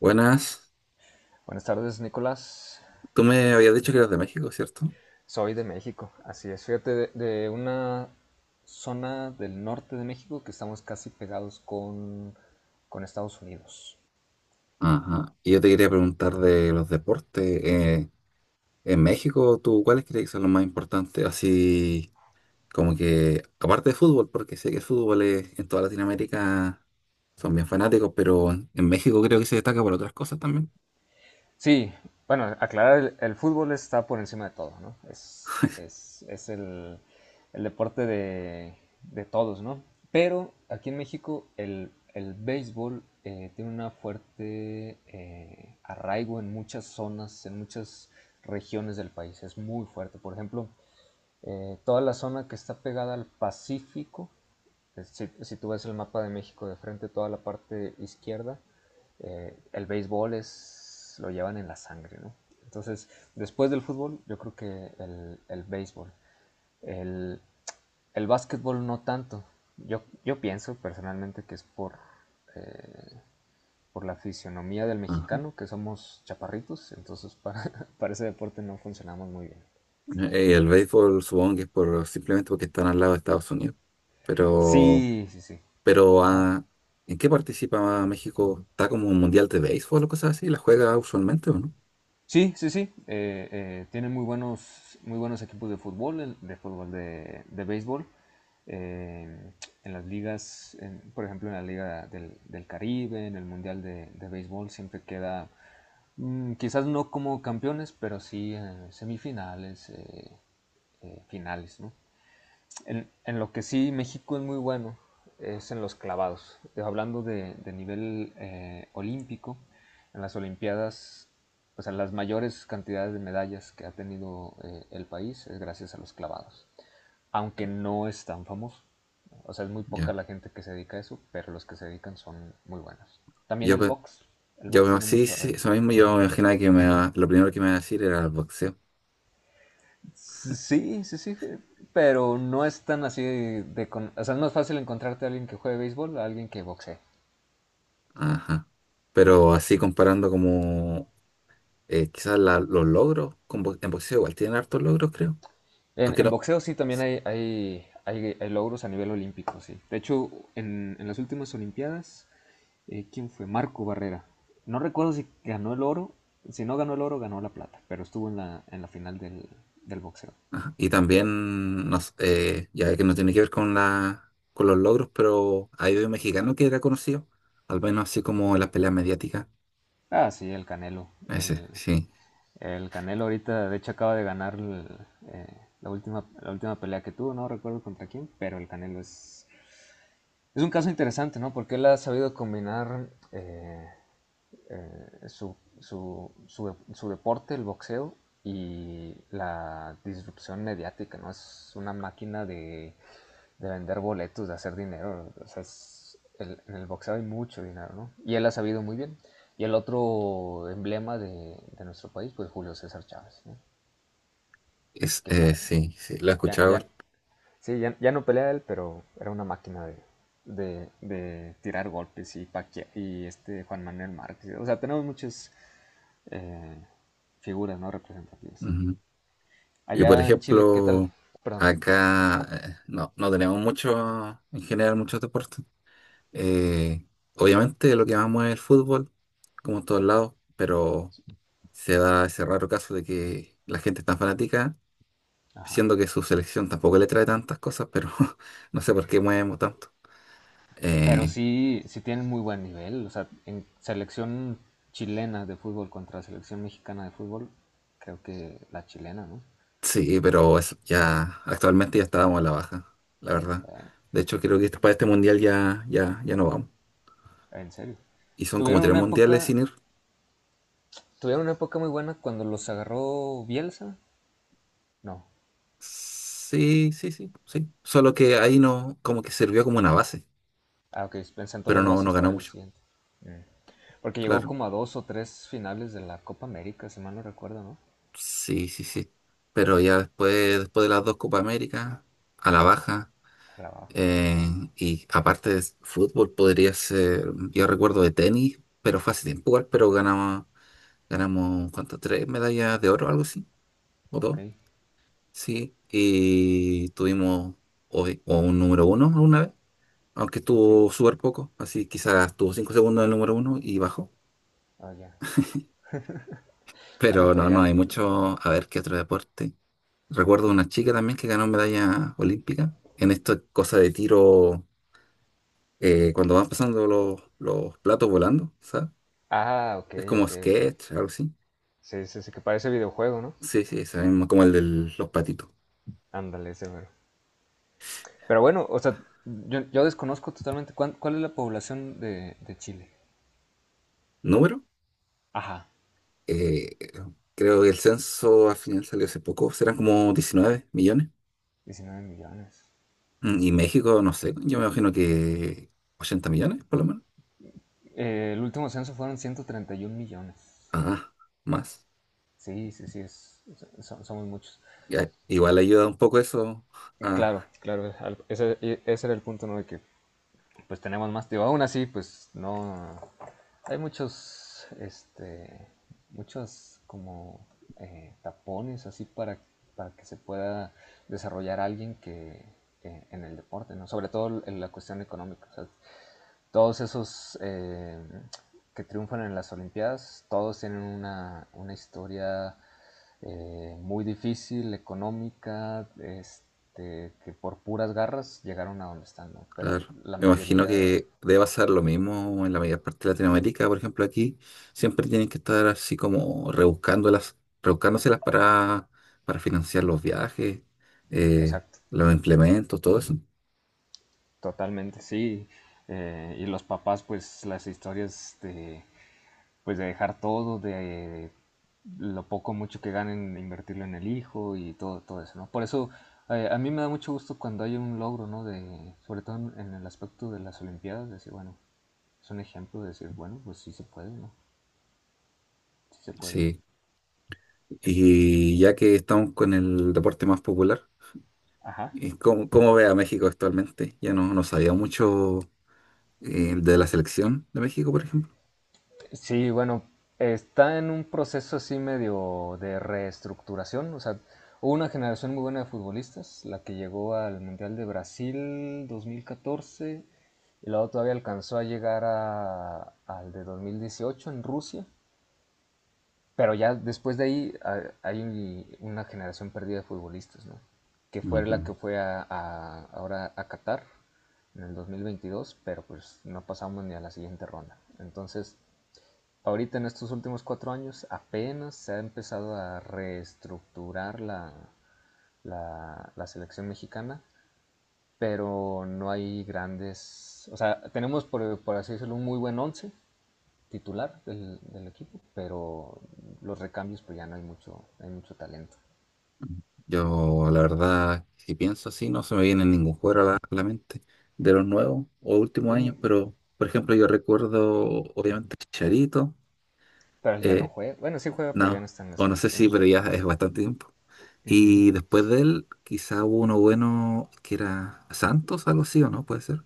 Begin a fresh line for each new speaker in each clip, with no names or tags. Buenas,
Buenas tardes, Nicolás.
tú me habías dicho que eras de México, ¿cierto?
Soy de México, así es. Fíjate, de una zona del norte de México que estamos casi pegados con Estados Unidos.
Ajá. Y yo te quería preguntar de los deportes. En México, ¿tú cuáles crees que son los más importantes? Así como que, aparte de fútbol, porque sé que el fútbol en toda Latinoamérica son bien fanáticos, pero en México creo que se destaca por otras cosas también.
Sí, bueno, aclarar, el fútbol está por encima de todo, ¿no? Es el deporte de todos, ¿no? Pero aquí en México el béisbol tiene una fuerte arraigo en muchas zonas, en muchas regiones del país. Es muy fuerte. Por ejemplo, toda la zona que está pegada al Pacífico, si, tú ves el mapa de México de frente, toda la parte izquierda, el béisbol es, lo llevan en la sangre, ¿no? Entonces, después del fútbol, yo creo que el béisbol. El, el básquetbol no tanto. Yo pienso personalmente que es eh, por la fisionomía del
Ajá.
mexicano, que somos chaparritos, entonces para, para ese deporte no funcionamos muy bien.
El béisbol supongo que es por, simplemente porque están al lado de Estados Unidos. Pero
Sí, sí, sí.
Pero
Ajá.
ah, ¿En qué participa México? ¿Está como un mundial de béisbol o cosas así? ¿La juega usualmente o no?
Sí, sí, sí. Tienen muy buenos equipos de fútbol, de fútbol de béisbol. eh, en las ligas, por ejemplo, en la Liga del Caribe, en el Mundial de Béisbol, siempre queda, quizás no como campeones, pero sí semifinales, finales, ¿no? En lo que sí México es muy bueno es en los clavados. Hablando de nivel olímpico, en las Olimpiadas, o sea, las mayores cantidades de medallas que ha tenido el país es gracias a los clavados. Aunque no es tan famoso. O sea, es muy poca
Ya.
la gente que se dedica a eso, pero los que se dedican son muy buenos. También
Yo,
el
pe-
box. El box tiene
sí,
mucho
sí, sí,
arraigo.
eso mismo yo me imaginaba que lo primero que me iba a decir era el boxeo.
Sí, sí, sí, pero no es tan así de, o sea, no es más fácil encontrarte a alguien que juegue béisbol a alguien que boxee.
Ajá. Pero así comparando como quizás los logros, en boxeo igual tienen hartos logros, creo.
En,
Aunque
en
no.
boxeo sí también
s-
hay, hay logros a nivel olímpico, sí. De hecho, en las últimas Olimpiadas, ¿quién fue? Marco Barrera. No recuerdo si ganó el oro, si no ganó el oro, ganó la plata, pero estuvo en la final del boxeo.
ajá. Y también, no, ya que no tiene que ver con, con los logros, pero hay un mexicano que era conocido, al menos así como en las peleas mediáticas.
Ah, sí, el Canelo.
Ese,
El,
sí,
el Canelo ahorita, de hecho, acaba de ganar el, la última pelea que tuvo, no recuerdo contra quién, pero el Canelo es un caso interesante, ¿no? Porque él ha sabido combinar su deporte, el boxeo, y la disrupción mediática, ¿no? Es una máquina de, vender boletos, de hacer dinero. O sea, en el boxeo hay mucho dinero, ¿no? Y él ha sabido muy bien. Y el otro emblema de nuestro país, pues Julio César Chávez, ¿no? Que ya,
sí, sí, lo he
ya,
escuchado.
ya. Sí, ya no pelea él, pero era una máquina de tirar golpes y, y este Juan Manuel Márquez. O sea, tenemos muchas eh, figuras no representativas.
Ujú. Y por
Allá en Chile, ¿qué tal?
ejemplo,
Perdón.
acá no, no tenemos mucho, en general, muchos deportes. Eh, Obviamente lo que más mueve es el fútbol, como en todos lados, pero se da ese raro caso de que la gente es tan fanática,
Ajá.
siendo que su selección tampoco le trae tantas cosas, pero no sé por qué movemos tanto.
Pero
Eh,
sí, sí tienen muy buen nivel. O sea, en selección chilena de fútbol contra selección mexicana de fútbol, creo que la chilena, ¿no?
Sí, pero ya actualmente ya estábamos a la baja, la verdad. De hecho, creo que para este mundial ya no vamos.
En serio.
Y son como
Tuvieron
tres
una
mundiales
época,
sin ir.
tuvieron una época muy buena cuando los agarró Bielsa. No.
Sí, sí, sí, sí. Solo que ahí no, como que sirvió como una base,
Ah, ok, sentó
pero
las
no
bases para
ganó
el
mucho.
siguiente. Mm. Porque llegó
Claro.
como a dos o tres finales de la Copa América, si mal no recuerdo, ¿no?
Sí, sí, sí. Pero ya después, después de las dos Copa América, a la baja.
A la baja.
eh, y aparte de fútbol, podría ser, yo recuerdo de tenis, pero fue hace tiempo igual, pero ganamos, ¿cuánto? Tres medallas de oro, algo así.
Ok,
Votó, sí, y tuvimos hoy o un número uno alguna vez, aunque
ok.
estuvo súper poco, así quizás estuvo 5 segundos del número uno y bajó.
Ah, ya. Bueno,
Pero
pero
no
ya.
hay mucho. A ver qué otro deporte. Recuerdo una chica también que ganó medalla olímpica en esta cosa de tiro, cuando van pasando los platos volando, ¿sabes?
Ah, ok,
Es como
ok, ok.
sketch, algo así.
Sí, sí, sí, que parece videojuego, ¿no?
Sí, sí, ese mismo, como el de los patitos.
Ándale, ese mero. Pero bueno, o sea, yo desconozco totalmente cuál es la población de Chile.
¿Número?
Ajá.
Eh, Creo que el censo al final salió hace poco, serán como 19 millones.
19 millones.
Y México, no sé, yo me imagino que 80 millones por lo menos.
El último censo fueron 131 millones.
Ah, más.
Sí, sí, sí, es, somos muchos.
Ya, igual ayuda un poco eso.
Claro,
Ah,
claro, ese, ese era el punto, ¿no? De que pues tenemos más, digo, aún así, pues no, hay muchos, este, muchos como tapones así para, que se pueda desarrollar alguien que en el deporte, ¿no? Sobre todo en la cuestión económica. O sea, todos esos que triunfan en las Olimpiadas, todos tienen una, historia muy difícil, económica, este, que por puras garras llegaron a donde están, ¿no? Pero
claro.
la
Me imagino
mayoría,
que debe pasar lo mismo en la mayor parte de Latinoamérica, por ejemplo, aquí siempre tienen que estar así como rebuscándolas, rebuscándoselas para, financiar los viajes, eh,
exacto.
los implementos, todo eso.
Totalmente, sí. Y los papás, pues las historias de, pues, de dejar todo, de lo poco o mucho que ganen, invertirlo en el hijo y todo, todo eso, ¿no? Por eso a mí me da mucho gusto cuando hay un logro, ¿no? De, sobre todo en, el aspecto de las Olimpiadas, decir, bueno, es un ejemplo de decir, bueno, pues sí se puede, ¿no? Sí se puede.
Sí. Y ya que estamos con el deporte más popular,
Ajá.
¿cómo ve a México actualmente? Ya no sabía mucho de la selección de México, por ejemplo.
Sí, bueno, está en un proceso así medio de reestructuración. O sea, hubo una generación muy buena de futbolistas, la que llegó al Mundial de Brasil 2014 y luego todavía alcanzó a llegar al de 2018 en Rusia. Pero ya después de ahí hay una generación perdida de futbolistas, ¿no? Que fue la
Ujú.
que fue a, ahora a Qatar en el 2022, pero pues no pasamos ni a la siguiente ronda. Entonces, ahorita en estos últimos 4 años apenas se ha empezado a reestructurar la selección mexicana, pero no hay grandes, o sea, tenemos por, así decirlo un muy buen once titular del equipo, pero los recambios pues ya no hay mucho, hay mucho talento.
Yo, la verdad, si pienso así, no se me viene ningún jugador a la mente de los nuevos o últimos
Mm.
años, pero, por ejemplo, yo recuerdo, obviamente, Charito,
Pero ya no juega, bueno sí juega, pero ya no
no,
está en la
o no sé si,
selección.
pero ya es bastante tiempo.
Uh-huh.
Y después de él, quizá hubo uno bueno que era Santos, algo así, ¿o no? Puede ser.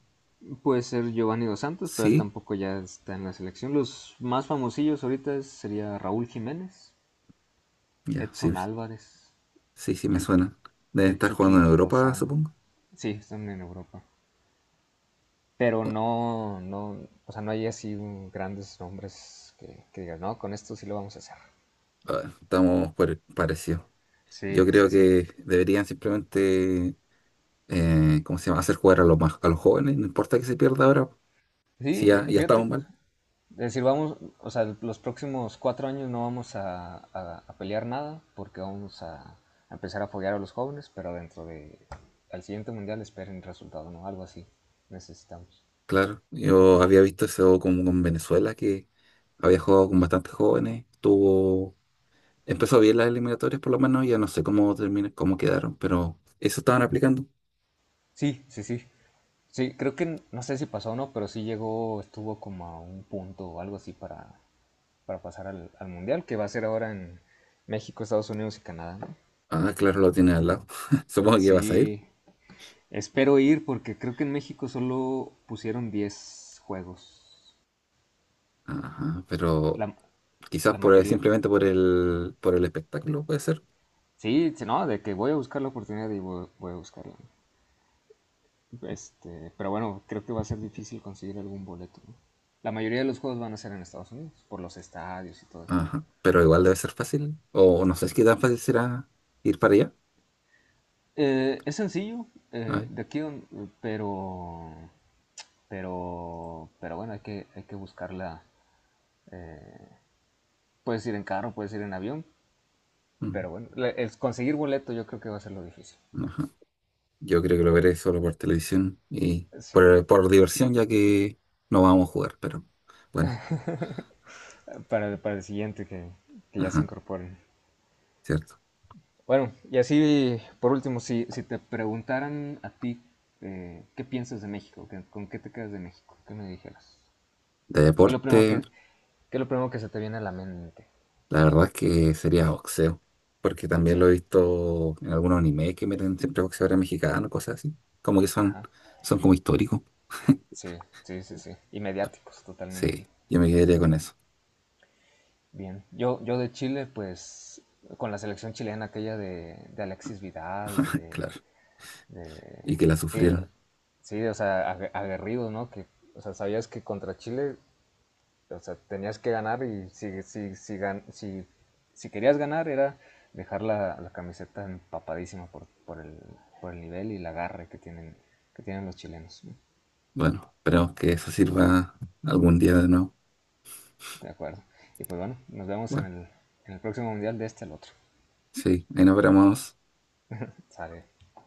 Puede ser Giovanni Dos Santos, pero él
Sí,
tampoco ya está en la selección. Los más famosillos ahorita sería Raúl Jiménez,
ya, sí,
Edson
sí,
Álvarez,
sí, sí, me
el,
suena. Deben
el
estar jugando
Chucky
en Europa,
Lozano.
supongo.
Sí, están en Europa. Pero
Bueno,
no, no, o sea, no hay así grandes nombres que, digas, no, con esto sí lo vamos a hacer.
a ver, estamos parecidos.
Sí,
Yo
sí,
creo
sí.
que deberían simplemente, ¿cómo se llama? Hacer jugar a los más, a los jóvenes, no importa que se pierda ahora. Si
Sí,
ya
fíjate,
estamos
es
mal,
decir, vamos, o sea, los próximos 4 años no vamos a pelear nada porque vamos a empezar a apoyar a los jóvenes, pero dentro de, al siguiente mundial esperen resultado, ¿no? Algo así necesitamos.
claro. Yo había visto eso como con Venezuela, que había jugado con bastantes jóvenes. Empezó bien las eliminatorias por lo menos, ya no sé cómo terminan, cómo quedaron, pero eso estaban aplicando.
Sí, sí, sí. Sí, creo que no sé si pasó o no, pero sí llegó, estuvo como a un punto o algo así para, pasar al Mundial, que va a ser ahora en México, Estados Unidos y Canadá, ¿no?
Ah, claro, lo tiene al lado. Supongo que vas a ir.
Sí, espero ir porque creo que en México solo pusieron 10 juegos.
Ajá, pero
La,
quizás
la
por
mayoría.
simplemente por el espectáculo puede ser.
Sí, sí, no, de que voy a buscar la oportunidad y voy, a buscarla. Este, pero bueno, creo que va a ser difícil conseguir algún boleto, ¿no? La mayoría de los juegos van a ser en Estados Unidos, por los estadios y todo eso, ¿no?
Ajá. Pero igual debe ser fácil. O no sé si qué tan fácil será ir para allá.
Es sencillo,
Ay,
de aquí, pero, bueno, hay que buscarla. eh, Puedes ir en carro, puedes ir en avión,
mm,
pero bueno, el conseguir boleto yo creo que va a ser lo difícil.
ajá. Yo creo que lo veré solo por televisión y
Sí,
por diversión, ya que no vamos a jugar, pero bueno,
para, el siguiente que ya se
ajá,
incorporen.
cierto.
Bueno, y así, por último, si te preguntaran a ti qué piensas de México, ¿Con qué te quedas de México, ¿qué me dijeras?
De
¿Qué es lo primero
deporte,
que, qué es lo primero que se te viene a la mente?
la verdad es que sería boxeo, porque también lo
Boxeo.
he visto en algunos animes que meten siempre boxeadores mexicanos, cosas así. Como que son,
Ajá.
son como históricos.
Sí, sí, sí, sí. Y mediáticos, totalmente.
Sí, yo me quedaría con eso,
Bien. Yo de Chile, pues, con la selección chilena aquella de, Alexis Vidal
claro. Y
de-
que la
Sí,
sufrieron.
sí, o sea, aguerridos, ¿no? Que, o sea, sabías que contra Chile, o sea, tenías que ganar y si querías ganar era dejar la camiseta empapadísima por el nivel y la garra que tienen los chilenos, ¿no?
Bueno, esperemos que eso sirva algún día de nuevo.
De acuerdo. Y pues bueno, nos vemos en
Bueno,
el, próximo mundial de este al otro.
sí, ahí nos veremos.
Sale.